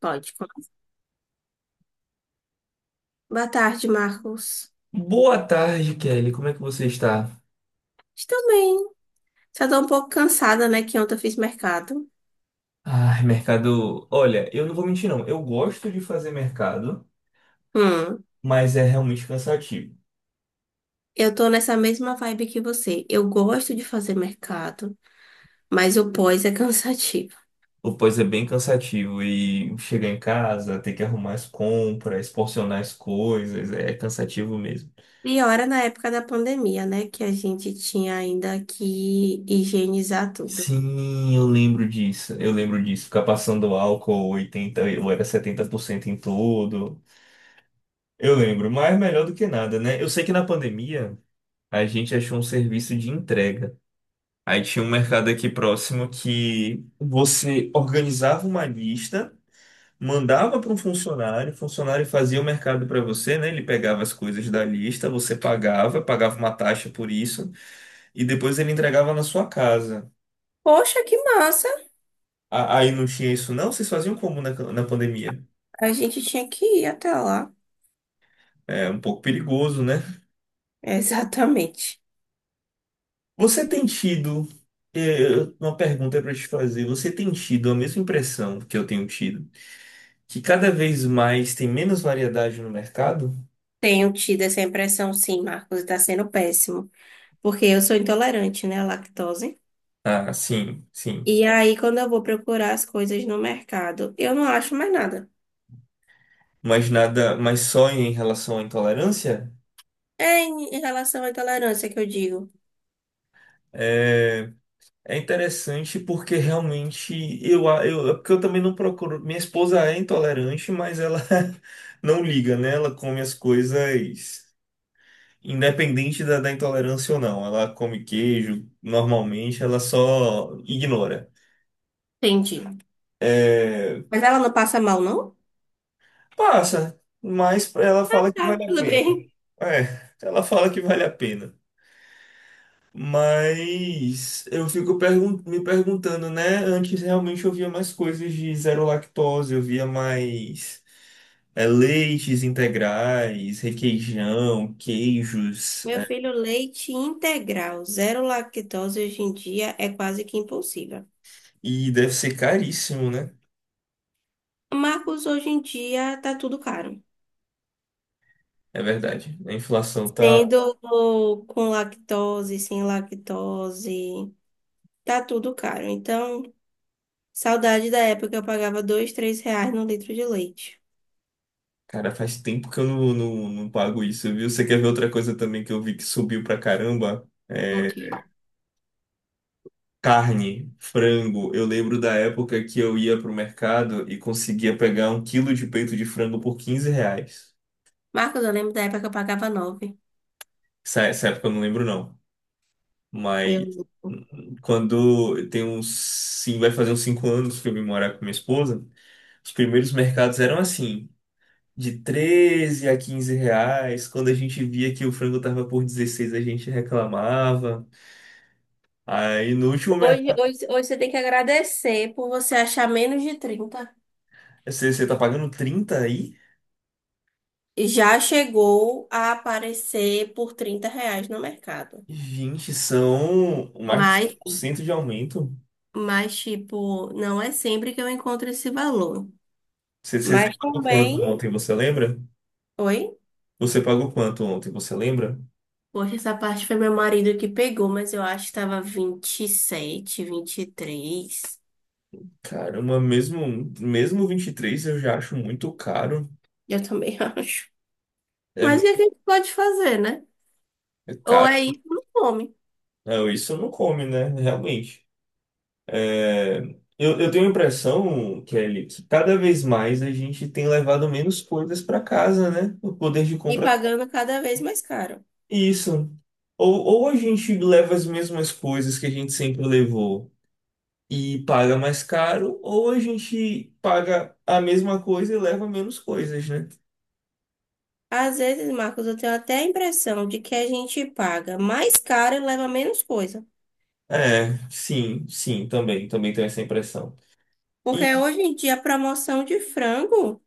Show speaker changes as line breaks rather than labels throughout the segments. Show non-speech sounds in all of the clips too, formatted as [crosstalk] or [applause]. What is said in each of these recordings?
Pode, Boa tarde, Marcos.
Boa tarde, Kelly. Como é que você está?
Estou bem. Só tô um pouco cansada, né? Que ontem eu fiz mercado.
Ai, mercado. Olha, eu não vou mentir, não. Eu gosto de fazer mercado,
Hum,
mas é realmente cansativo.
eu tô nessa mesma vibe que você. Eu gosto de fazer mercado, mas o pós é [laughs] cansativo.
O pós é bem cansativo e chegar em casa, ter que arrumar as compras, porcionar as coisas, é cansativo mesmo.
E ora na época da pandemia, né? Que a gente tinha ainda que higienizar tudo.
Sim, eu lembro disso. Eu lembro disso. Ficar passando álcool 80 ou era 70% em tudo. Eu lembro, mas melhor do que nada, né? Eu sei que na pandemia a gente achou um serviço de entrega. Aí tinha um mercado aqui próximo que você organizava uma lista, mandava para um funcionário, o funcionário fazia o mercado para você, né? Ele pegava as coisas da lista, você pagava uma taxa por isso, e depois ele entregava na sua casa.
Poxa, que massa!
Aí não tinha isso, não? Vocês faziam como na pandemia?
A gente tinha que ir até lá.
É um pouco perigoso, né?
[laughs] Exatamente.
Você tem tido. eh, Uma pergunta para te fazer. Você tem tido a mesma impressão que eu tenho tido, que cada vez mais tem menos variedade no mercado?
Tenho tido essa impressão, sim, Marcos, está sendo péssimo. Porque eu sou intolerante, né, à lactose.
Ah, sim, sim.
E aí, quando eu vou procurar as coisas no mercado, eu não acho mais nada.
Mas nada, mas só em relação à intolerância,
É em relação à intolerância que eu digo.
é, é interessante porque realmente é porque eu também não procuro. Minha esposa é intolerante, mas ela [laughs] não liga, né? Ela come as coisas independente da intolerância ou não. Ela come queijo, normalmente, ela só ignora.
Entendi.
É,
Mas ela não passa mal, não?
passa, mas ela fala que
Tá,
vale a
tudo
pena.
bem.
É, ela fala que vale a pena. Mas eu fico me perguntando, né? Antes realmente eu via mais coisas de zero lactose, eu via mais leites integrais, requeijão, queijos.
Meu filho, leite integral, zero lactose hoje em dia é quase que impossível.
E deve ser caríssimo, né?
Marcos, hoje em dia tá tudo caro.
É verdade. A inflação tá.
Sendo com lactose, sem lactose, tá tudo caro. Então, saudade da época que eu pagava dois, três reais no litro de leite.
Cara, faz tempo que eu não pago isso, viu? Você quer ver outra coisa também que eu vi que subiu pra caramba?
Ok.
Carne, frango. Eu lembro da época que eu ia pro mercado e conseguia pegar um quilo de peito de frango por R$ 15.
Marcos, eu lembro da época que eu pagava nove.
Essa época eu não lembro, não. Mas
Eu...
quando tem uns. Sim, vai fazer uns 5 anos que eu vim morar com minha esposa. Os primeiros mercados eram assim, de 13 a 15 reais. Quando a gente via que o frango tava por 16 a gente reclamava. Aí no último
Hoje,
mercado,
hoje, hoje você tem que agradecer por você achar menos de 30.
você tá pagando 30 aí?
Já chegou a aparecer por R$ 30 no mercado.
Gente, são mais de
Mas,
100% de aumento.
mas, tipo, não é sempre que eu encontro esse valor.
Você
Mas
pagou quanto
também.
ontem, você lembra?
Oi?
Você pagou quanto ontem, você lembra?
Poxa, essa parte foi meu marido que pegou, mas eu acho que tava 27, 23.
Caramba, mesmo, mesmo 23 eu já acho muito caro.
Eu também [laughs] acho.
É
Mas o que é que
muito
a gente pode fazer, né? Ou é
caro.
isso, ou não come.
Não, isso não come, né? Realmente. É, eu tenho a impressão, Kelly, que cada vez mais a gente tem levado menos coisas para casa, né? O poder de
E
compra.
pagando cada vez mais caro.
É isso. Ou a gente leva as mesmas coisas que a gente sempre levou, e paga mais caro, ou a gente paga a mesma coisa e leva menos coisas, né?
Às vezes, Marcos, eu tenho até a impressão de que a gente paga mais caro e leva menos coisa.
É, sim, sim, também, também tenho essa impressão.
Porque
E
hoje em dia a promoção de frango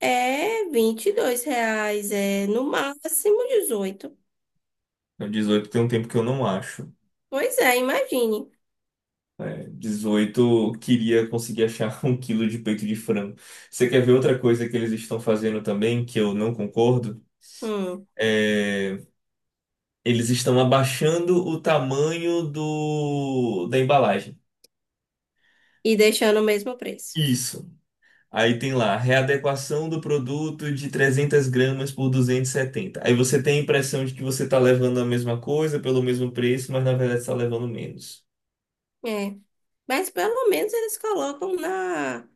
é R$ 22, é no máximo 18.
o 18 tem um tempo que eu não acho.
Pois é, imagine.
É, 18 queria conseguir achar [laughs] um quilo de peito de frango. Você quer ver outra coisa que eles estão fazendo também, que eu não concordo?
Hum,
É, eles estão abaixando o tamanho da embalagem.
e deixando o mesmo preço.
Isso. Aí tem lá, readequação do produto de 300 gramas por 270. Aí você tem a impressão de que você está levando a mesma coisa pelo mesmo preço, mas na verdade está levando menos.
É. Mas pelo menos eles colocam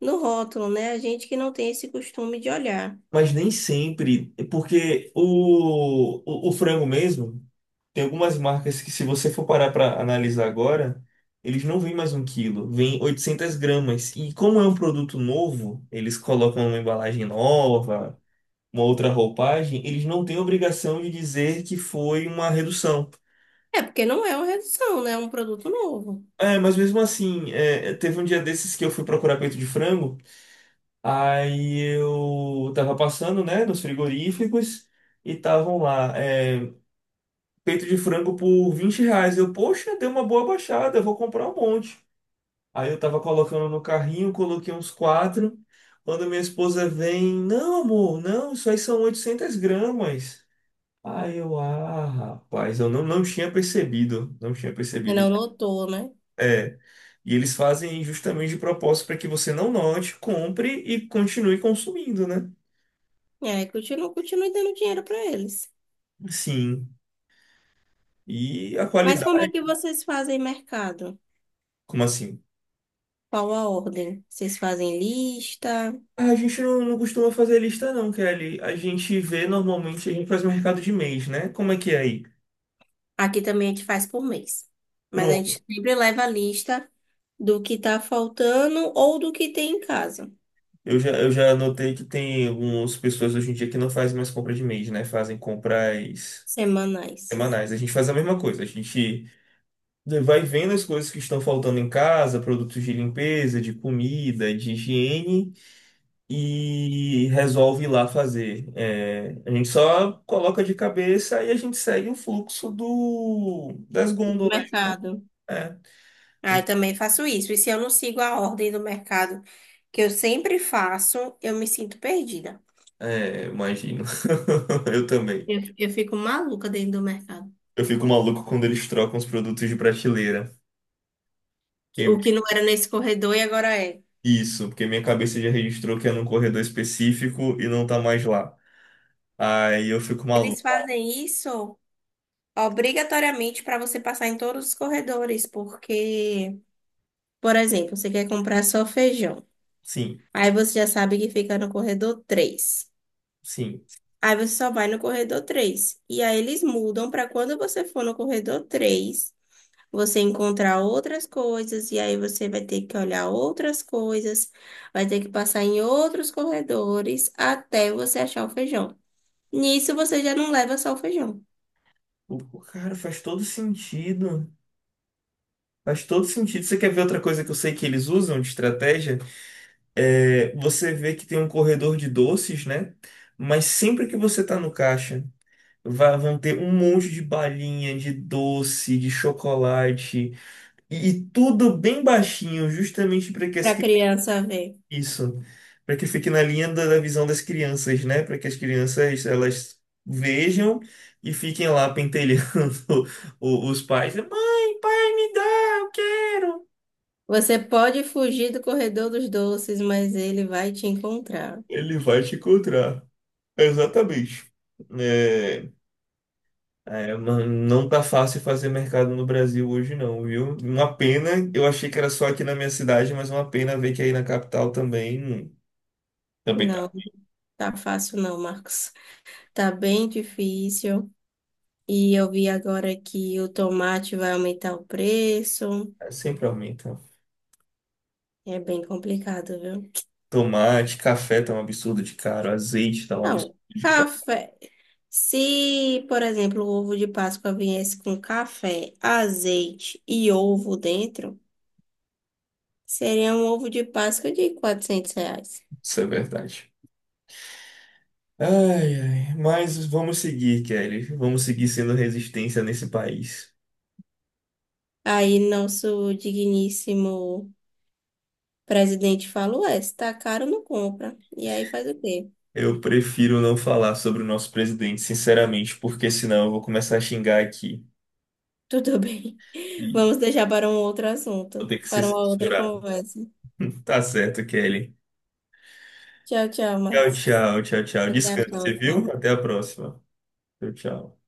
no rótulo, né? A gente que não tem esse costume de olhar.
Mas nem sempre, é porque o frango mesmo, tem algumas marcas que se você for parar para analisar agora, eles não vêm mais um quilo, vêm 800 gramas. E como é um produto novo, eles colocam uma embalagem nova, uma outra roupagem, eles não têm obrigação de dizer que foi uma redução.
É porque não é uma redução, né? É um produto novo.
É, mas mesmo assim, teve um dia desses que eu fui procurar peito de frango, aí eu tava passando, né, nos frigoríficos e estavam lá, peito de frango por R$ 20. Eu, poxa, deu uma boa baixada, eu vou comprar um monte. Aí eu tava colocando no carrinho, coloquei uns quatro. Quando minha esposa vem, não, amor, não, isso aí são 800 gramas. Aí eu, ah, rapaz, eu não tinha percebido, não tinha
E
percebido.
não notou, né?
É. E eles fazem justamente de propósito para que você não note, compre e continue consumindo, né?
É, continua, continua dando dinheiro para eles.
Sim. E a
Mas como é
qualidade,
que vocês fazem mercado?
como assim?
Qual a ordem? Vocês fazem lista?
Ah, a gente não costuma fazer lista não, Kelly. A gente vê normalmente, a gente faz mercado de mês, né? Como é que é aí?
Aqui também a gente faz por mês. Mas a gente
Pronto.
sempre leva a lista do que tá faltando ou do que tem em casa,
Eu já notei que tem algumas pessoas hoje em dia que não fazem mais compra de mês, né? Fazem compras
semanais,
semanais. A gente faz a mesma coisa. A gente vai vendo as coisas que estão faltando em casa, produtos de limpeza, de comida, de higiene, e resolve ir lá fazer. É, a gente só coloca de cabeça e a gente segue o fluxo das
do
gôndolas.
mercado.
É, a
Ah, eu
gente-
também faço isso. E se eu não sigo a ordem do mercado, que eu sempre faço, eu me sinto perdida.
imagino. [laughs] Eu também.
Eu fico maluca dentro do mercado.
Eu fico maluco quando eles trocam os produtos de prateleira. E-
O que não era nesse corredor e agora é.
Isso, porque minha cabeça já registrou que é num corredor específico e não tá mais lá. Aí eu fico
Eles
maluco.
fazem isso obrigatoriamente para você passar em todos os corredores, porque, por exemplo, você quer comprar só feijão.
Sim,
Aí você já sabe que fica no corredor 3.
sim.
Aí você só vai no corredor 3. E aí eles mudam para quando você for no corredor 3 você encontrar outras coisas e aí você vai ter que olhar outras coisas, vai ter que passar em outros corredores até você achar o feijão. Nisso você já não leva só o feijão
O cara faz todo sentido. Faz todo sentido. Você quer ver outra coisa que eu sei que eles usam de estratégia? É, você vê que tem um corredor de doces, né? Mas sempre que você tá no caixa, vão ter um monte de balinha, de doce, de chocolate, e tudo bem baixinho, justamente para que as
para criança ver.
isso, para que fique na linha da visão das crianças, né? Para que as crianças elas vejam e fiquem lá pentelhando [laughs] os pais. Mãe, pai, me dá, eu quero.
Você pode fugir do corredor dos doces, mas ele vai te encontrar.
Ele vai te encontrar. Exatamente. É, É, mano, não tá fácil fazer mercado no Brasil hoje não, viu? Uma pena, eu achei que era só aqui na minha cidade, mas uma pena ver que aí na capital também, também tá.
Não, tá fácil não, Marcos. Tá bem difícil. E eu vi agora que o tomate vai aumentar o preço.
É, sempre aumenta.
É bem complicado, viu?
Tomate, café tá um absurdo de caro, azeite tá um absurdo
Não,
de caro,
café. Se, por exemplo, o ovo de Páscoa viesse com café, azeite e ovo dentro, seria um ovo de Páscoa de R$ 400.
isso é verdade. Ai, ai, mas vamos seguir, Kelly. Vamos seguir sendo resistência nesse país.
Aí, nosso digníssimo. O presidente falou, é, se tá caro, não compra. E aí faz o quê?
Eu prefiro não falar sobre o nosso presidente, sinceramente, porque senão eu vou começar a xingar aqui
Tudo [laughs] bem.
e
Vamos deixar para um outro
vou
assunto,
ter que ser
para uma outra
censurado.
conversa.
Tá certo, Kelly.
Tchau, tchau,
Tchau,
Max.
tchau, tchau, tchau.
Até a
Descanse, viu?
próxima.
Até a próxima. Tchau, tchau.